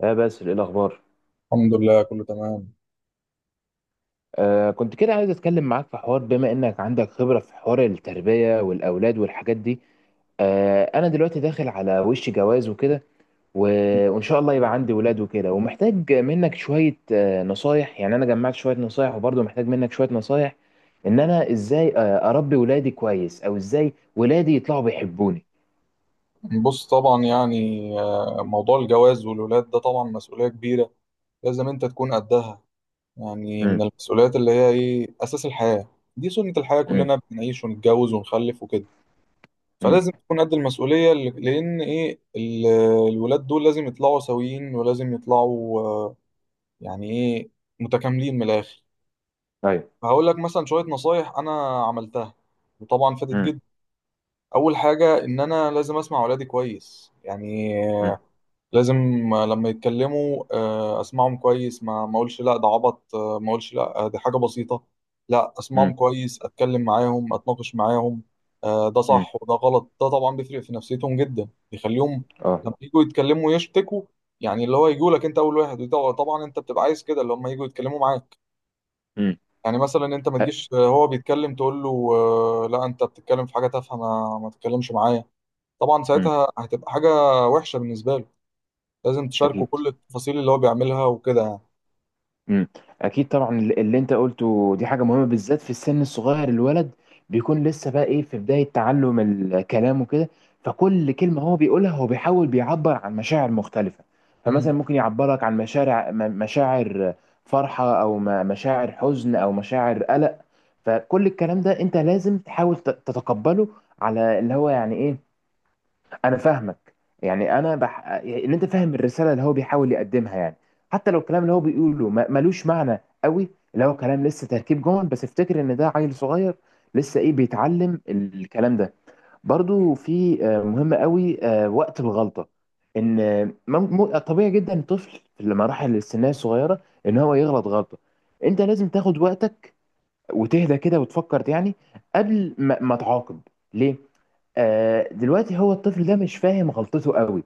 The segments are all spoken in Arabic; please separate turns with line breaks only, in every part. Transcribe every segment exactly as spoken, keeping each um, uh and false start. اه بس الاخبار.
الحمد لله كله تمام.
آه كنت كده عايز اتكلم معاك في حوار، بما انك عندك خبره في حوار التربيه والاولاد والحاجات دي. آه انا دلوقتي داخل على وش جواز وكده و... وان شاء الله يبقى عندي ولاد وكده، ومحتاج منك شويه آه نصايح. يعني انا جمعت شويه نصايح، وبرضه محتاج منك شويه نصايح، ان انا ازاي آه اربي ولادي كويس، او ازاي ولادي يطلعوا بيحبوني.
بص طبعا يعني آه، موضوع الجواز والولاد ده طبعا مسؤولية كبيرة. لازم انت تكون قدها، يعني
امم.
من المسؤوليات اللي هي ايه اساس الحياة. دي سنة الحياة،
امم.
كلنا بنعيش ونتجوز ونخلف وكده.
امم.
فلازم تكون قد المسؤولية ل- لان ايه ال- الولاد دول لازم يطلعوا سويين، ولازم يطلعوا، آه، يعني ايه، متكاملين من الاخر.
ايوه.
فهقول لك مثلا شوية نصايح انا عملتها، وطبعا فادت
امم.
جدا. اول حاجة ان انا لازم اسمع ولادي كويس، يعني
امم.
لازم لما يتكلموا آه، اسمعهم كويس، ما ما اقولش لا ده عبط، آه، ما اقولش لا آه، دي حاجة بسيطة. لا، اسمعهم كويس، اتكلم معاهم، اتناقش معاهم، آه، ده
امم.
صح وده غلط. ده طبعا بيفرق في نفسيتهم جدا، بيخليهم
اه.
لما يجوا يتكلموا يشتكوا، يعني اللي هو يجوا لك انت اول واحد. وده طبعا انت بتبقى عايز كده، اللي هم يجوا يتكلموا معاك.
امم.
يعني مثلا انت ما
أ-
تجيش آه، هو بيتكلم تقول له آه، لا انت بتتكلم في حاجة تافهة، ما ما تتكلمش معايا. طبعا
امم.
ساعتها هتبقى حاجة وحشة بالنسبة له. لازم تشاركه
اكيد.
كل التفاصيل اللي هو بيعملها وكده يعني.
مم. اكيد طبعا، الل- اللي انت قلته دي حاجه مهمه بالذات في السن الصغير. الولد بيكون لسه بقى ايه، في بدايه تعلم الكلام وكده، فكل كلمه هو بيقولها هو بيحاول بيعبر عن مشاعر مختلفه.
امم،
فمثلا ممكن يعبرك عن مشاعر م- مشاعر فرحه، او م- مشاعر حزن، او مشاعر قلق. فكل الكلام ده انت لازم تحاول ت- تتقبله، على اللي هو يعني ايه انا فاهمك. يعني انا بح... يعني ان انت فاهم الرساله اللي هو بيحاول يقدمها يعني، حتى لو الكلام اللي هو بيقوله ما... ملوش معنى قوي، اللي هو كلام لسه تركيب جمل، بس افتكر ان ده عيل صغير لسه ايه، بيتعلم الكلام ده. برضو في آه، مهم قوي آه، وقت الغلطه. ان آه، مم- م... طبيعي جدا الطفل في المراحل السنيه الصغيره ان هو يغلط غلطه. انت لازم تاخد وقتك وتهدى كده وتفكر، يعني قبل ما, ما تعاقب. ليه؟ آه دلوقتي هو الطفل ده مش فاهم غلطته قوي.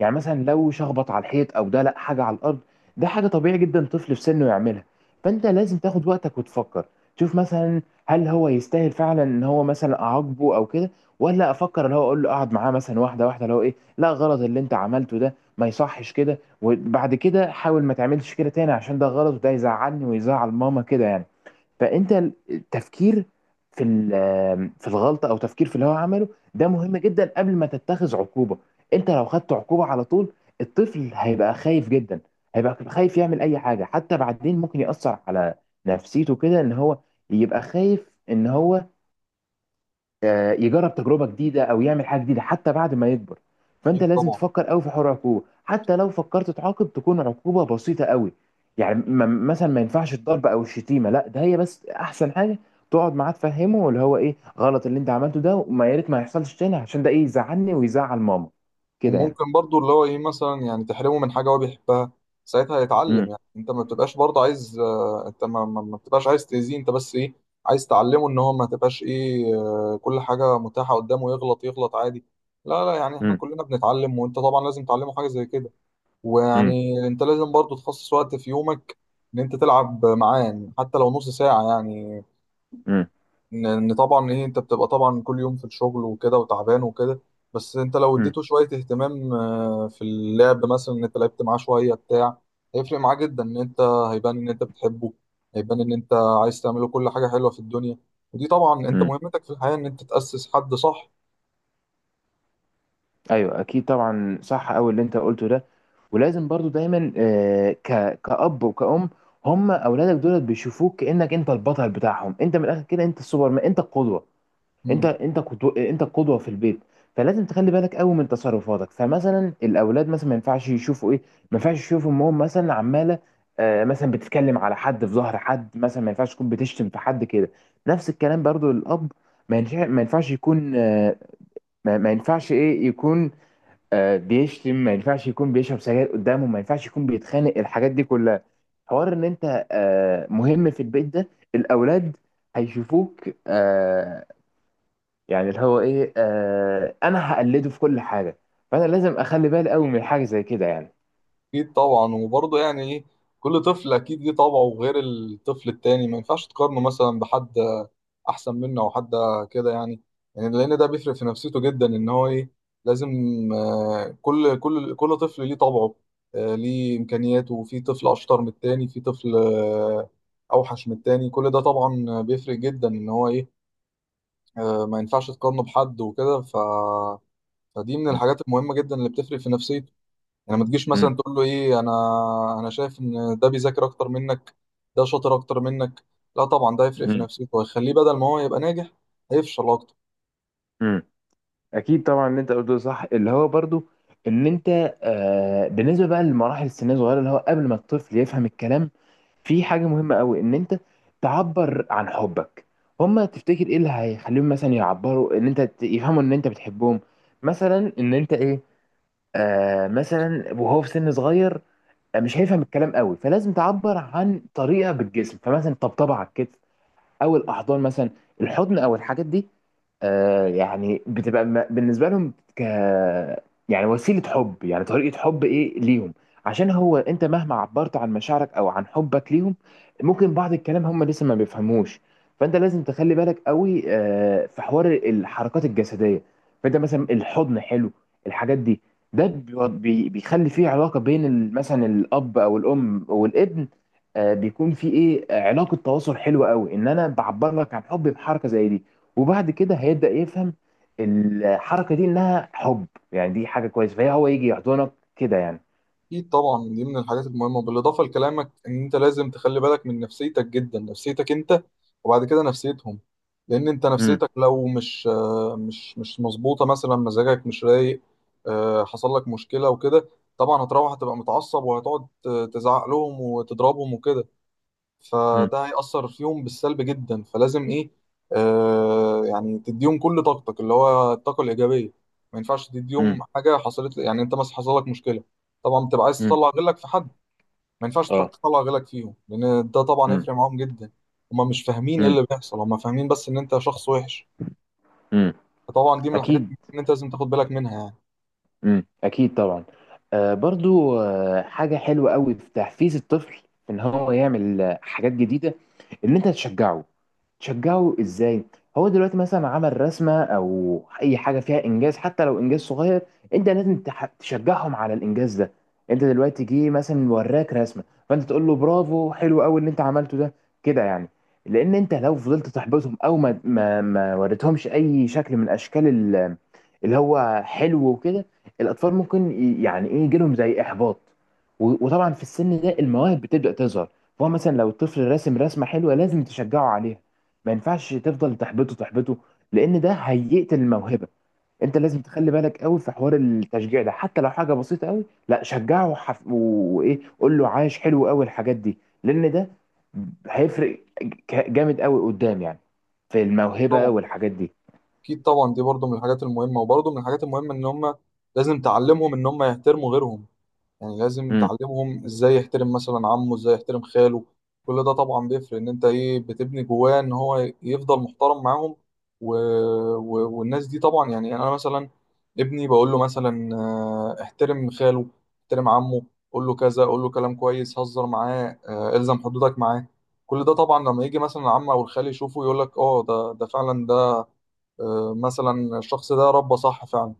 يعني مثلا لو شخبط على الحيط او دلق حاجه على الارض، ده حاجه طبيعي جدا طفل في سنه يعملها. فانت لازم تاخد وقتك وتفكر، تشوف مثلا هل هو يستاهل فعلا ان هو مثلا اعاقبه او كده، ولا افكر اللي هو اقول له اقعد معاه مثلا واحده واحده، اللي هو ايه، لا، غلط اللي انت عملته ده، ما يصحش كده، وبعد كده حاول ما تعملش كده تاني عشان ده غلط، وده يزعلني ويزعل ماما كده يعني. فانت التفكير في ال- في الغلطه، او تفكير في اللي هو عمله، ده مهم جدا قبل ما تتخذ عقوبه. انت لو خدت عقوبه على طول، الطفل هيبقى خايف جدا، هيبقى خايف يعمل اي حاجه، حتى بعدين ممكن ياثر على نفسيته كده، ان هو يبقى خايف ان هو آه، يجرب تجربه جديده، او يعمل حاجه جديده، حتى بعد ما يكبر. فانت
اكيد
لازم
طبعا.
تفكر قوي في حوار العقوبه، حتى لو فكرت تعاقب تكون عقوبه بسيطه قوي. يعني م- مثلا ما ينفعش الضرب او الشتيمه، لا، ده هي بس احسن حاجه تقعد معاه تفهمه اللي هو ايه، غلط اللي انت عملته ده، وما يا ريت ما يحصلش تاني، عشان ده ايه، يزعلني ويزعل ماما كده يعني.
وممكن برضو اللي هو ايه مثلا، يعني تحرمه من حاجه هو بيحبها. ساعتها يتعلم،
امم.
يعني انت ما بتبقاش برضه عايز، آه، انت ما, ما, ما بتبقاش عايز تاذيه، انت بس ايه عايز تعلمه ان هو ما تبقاش ايه، آه، كل حاجه متاحه قدامه، يغلط يغلط عادي. لا لا، يعني احنا
امم.
كلنا بنتعلم، وانت طبعا لازم تعلمه حاجه زي كده. ويعني انت لازم برضه تخصص وقت في يومك، ان انت تلعب معاه، يعني حتى لو نص ساعه يعني.
امم.
ان إن طبعا ايه، انت بتبقى طبعا كل يوم في الشغل وكده وتعبان وكده، بس انت لو اديته شويه اهتمام آه، في اللعب مثلا، ان انت لعبت معاه شويه بتاع، هيفرق معاه جدا. ان انت هيبان ان انت بتحبه، هيبان ان انت عايز تعمله كل حاجه حلوه في الدنيا. ودي طبعا انت
امم.
مهمتك في الحياه، ان انت تاسس حد صح.
ايوه، اكيد طبعا، صح قوي اللي انت قلته ده. ولازم برضو دايما آه، ك كأب وكأم، هم اولادك دول بيشوفوك كأنك انت البطل بتاعهم، انت من الاخر كده انت السوبرمان، انت القدوة، انت انت قدو- انت القدوة في البيت. فلازم تخلي بالك قوي من تصرفاتك. فمثلا الاولاد مثلا ما ينفعش يشوفوا ايه ما ينفعش يشوفوا امهم مثلا عمالة آه، مثلا بتتكلم على حد في ظهر حد، مثلا ما ينفعش تكون بتشتم في حد كده. نفس الكلام برضو للأب، ما ينفع- ما ينفعش يكون آه، ما ما ينفعش ايه يكون آه، بيشتم، ما ينفعش يكون بيشرب سجاير قدامه، ما ينفعش يكون بيتخانق، الحاجات دي كلها حوار ان انت آه، مهم في البيت ده. الاولاد هيشوفوك آه، يعني اللي هو ايه، آه، انا هقلده في كل حاجه، فانا لازم اخلي بالي قوي من حاجه زي كده يعني.
اكيد طبعا. وبرضه يعني ايه، كل طفل اكيد ليه طبعه غير الطفل التاني، ما ينفعش تقارنه مثلا بحد احسن منه او حد كده يعني. يعني لان ده بيفرق في نفسيته جدا، ان هو ايه، لازم، آه، كل كل كل طفل ليه طبعه، آه، ليه امكانياته. في طفل اشطر من التاني، في طفل آه، اوحش من التاني. كل ده طبعا بيفرق جدا، ان هو ايه، آه، ما ينفعش تقارنه بحد وكده. ف فدي من
م-
الحاجات المهمة جدا اللي بتفرق في نفسية. يعني ما تجيش
م-
مثلا تقول له ايه، انا انا شايف ان ده بيذاكر اكتر منك، ده شاطر اكتر منك. لا، طبعا ده هيفرق في
م-
نفسيته، وهيخليه بدل ما هو يبقى ناجح، هيفشل اكتر.
م. اكيد طبعا اللي انت قلته صح، اللي هو برضو ان انت آه بالنسبه بقى لمراحل السن الصغيره، اللي هو قبل ما الطفل يفهم الكلام، في حاجه مهمه قوي ان انت تعبر عن حبك. هما تفتكر ايه اللي هيخليهم مثلا يعبروا ان انت ت- يفهموا ان انت بتحبهم؟ مثلا ان انت ايه، آه مثلا وهو في سن صغير آه، مش هيفهم الكلام قوي، فلازم تعبر عن طريقه بالجسم، فمثلا طبطبه على الكتف، او الاحضان مثلا، الحضن، او الحاجات دي. آه يعني بتبقى م- بالنسبه لهم ك يعني وسيله حب، يعني طريقه حب ايه ليهم، عشان هو انت مهما عبرت عن مشاعرك او عن حبك ليهم، ممكن بعض الكلام هم لسه ما بيفهموش. فانت لازم تخلي بالك قوي آه في حوار الحركات الجسديه. فانت مثلا الحضن حلو، الحاجات دي، ده بيو- بي- بيخلي فيه علاقه بين ال- مثلا الاب او الام والابن، آه، بيكون في ايه، آه، علاقه تواصل حلوه قوي، ان انا بعبر لك عن حبي بحركه زي دي. وبعد كده هيبدا يفهم الحركه دي انها حب، يعني دي حاجه كويسه، فهي هو يجي يحضنك كده يعني.
اكيد طبعا، دي من الحاجات المهمه. بالاضافه لكلامك، ان انت لازم تخلي بالك من نفسيتك جدا، نفسيتك انت وبعد كده نفسيتهم. لان انت
امم.
نفسيتك لو مش آه، مش مش مظبوطه، مثلا مزاجك مش رايق، آه، حصل لك مشكله وكده، طبعا هتروح هتبقى متعصب، وهتقعد آه، تزعق لهم وتضربهم وكده.
امم.
فده هيأثر فيهم بالسلب جدا، فلازم ايه، آه يعني تديهم كل طاقتك اللي هو الطاقة الإيجابية. ما ينفعش تديهم حاجة حصلت، يعني انت مثلا حصل لك مشكلة، طبعا بتبقى عايز
امم.
تطلع غلك في حد، ما ينفعش تروح
اه.
تطلع غلك فيهم، لأن ده طبعا
امم.
هيفرق معاهم جدا. هما مش فاهمين ايه اللي بيحصل، هما فاهمين بس ان انت شخص وحش.
امم.
فطبعا دي من الحاجات
اكيد.
اللي انت لازم تاخد بالك منها يعني.
امم، اكيد طبعا. آه برضو، آه حاجه حلوه قوي في تحفيز الطفل ان هو يعمل آه، حاجات جديده، ان انت تشجعه. تشجعه ازاي؟ هو دلوقتي مثلا عمل رسمه، او اي حاجه فيها انجاز، حتى لو انجاز صغير، انت لازم تح- تشجعهم على الانجاز ده. انت دلوقتي جه مثلا وراك رسمه، فانت تقول له برافو، حلو قوي اللي انت عملته ده، كده يعني. لان انت لو فضلت تحبطهم، او ما ما ما وريتهمش اي شكل من اشكال ال- اللي هو حلو وكده، الاطفال ممكن ي- يعني ايه، يجيلهم زي احباط. و- وطبعا في السن ده المواهب بتبدا تظهر، فهو مثلا لو الطفل راسم رسمه حلوه لازم تشجعه عليها، ما ينفعش تفضل تحبطه تحبطه، لان ده هيقتل الموهبه. انت لازم تخلي بالك قوي في حوار التشجيع ده، حتى لو حاجه بسيطه قوي، لا شجعه وحف... و- وايه، قول له عايش حلو قوي، الحاجات دي، لان ده هيفرق ك- جامد قوي قدام يعني، في
أكيد
الموهبه
طبعا،
والحاجات دي.
اكيد طبعا دي برضو من الحاجات المهمة. وبرضو من الحاجات المهمة ان هما، لازم تعلمهم ان هما يحترموا غيرهم. يعني لازم
امم.
تعلمهم ازاي يحترم مثلا عمه، ازاي يحترم خاله. كل ده طبعا بيفرق، ان انت ايه بتبني جواه ان هو يفضل محترم معاهم و... و... والناس دي طبعا. يعني يعني انا مثلا ابني بقول له مثلا آه، احترم خاله، احترم عمه، قول له كذا، قول له كلام كويس، هزر معاه، آه، الزم حدودك معاه. كل ده طبعا لما يجي مثلا العم او الخال يشوفه، يقول لك اه ده ده فعلا ده آه، مثلا الشخص ده ربى صح فعلا.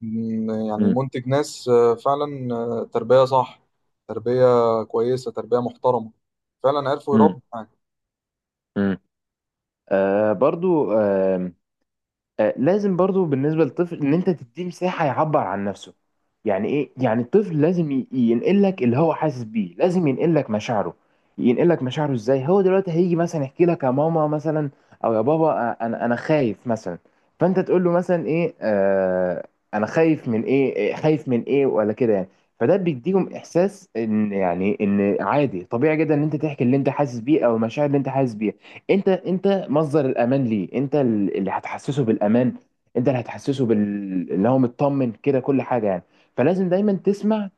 م- يعني
امم.
منتج ناس آه، فعلا آه، تربية صح، تربية كويسة، تربية محترمة، فعلا عرفوا
امم.
يربوا يعني.
امم. آه برضو، آه آه، لازم برضو بالنسبة للطفل ان انت تديه مساحة يعبر عن نفسه. يعني ايه؟ يعني الطفل لازم ي- ينقل لك اللي هو حاسس بيه، لازم ينقل لك مشاعره. ينقل لك مشاعره ازاي؟ هو دلوقتي هيجي مثلا يحكي لك يا ماما مثلا، او يا بابا، آه، انا انا خايف مثلا، فانت تقول له مثلا ايه، آه انا خايف من ايه إيه، خايف من ايه ولا كده يعني. فده بيديهم احساس ان يعني ان عادي، طبيعي جدا ان انت تحكي اللي انت حاسس بيه، او المشاعر اللي انت حاسس بيها. انت انت مصدر الامان ليه، انت اللي هتحسسه بالامان، انت اللي هتحسسه بال، اللي هو مطمن كده، كل حاجه يعني. فلازم دايما تسمع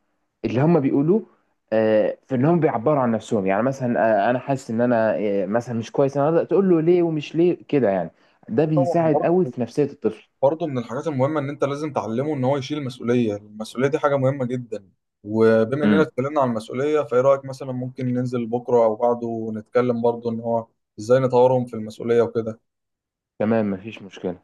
اللي هم بيقولوه، آه، في ان هم بيعبروا عن نفسهم. يعني مثلا آه، انا حاسس ان انا آه، مثلا مش كويس، انا أقدر تقول له ليه ومش ليه، كده يعني. ده
أكيد طبعا.
بيساعد قوي
برضه،
في نفسيه الطفل.
برضه من الحاجات المهمة إن أنت لازم تعلمه إن هو يشيل المسؤولية. المسؤولية دي حاجة مهمة جدا. وبما إننا
امم.
اتكلمنا عن المسؤولية، فإيه رأيك مثلا ممكن ننزل بكرة أو بعده ونتكلم برضه إن هو إزاي نطورهم في المسؤولية وكده؟
تمام، مفيش مشكله.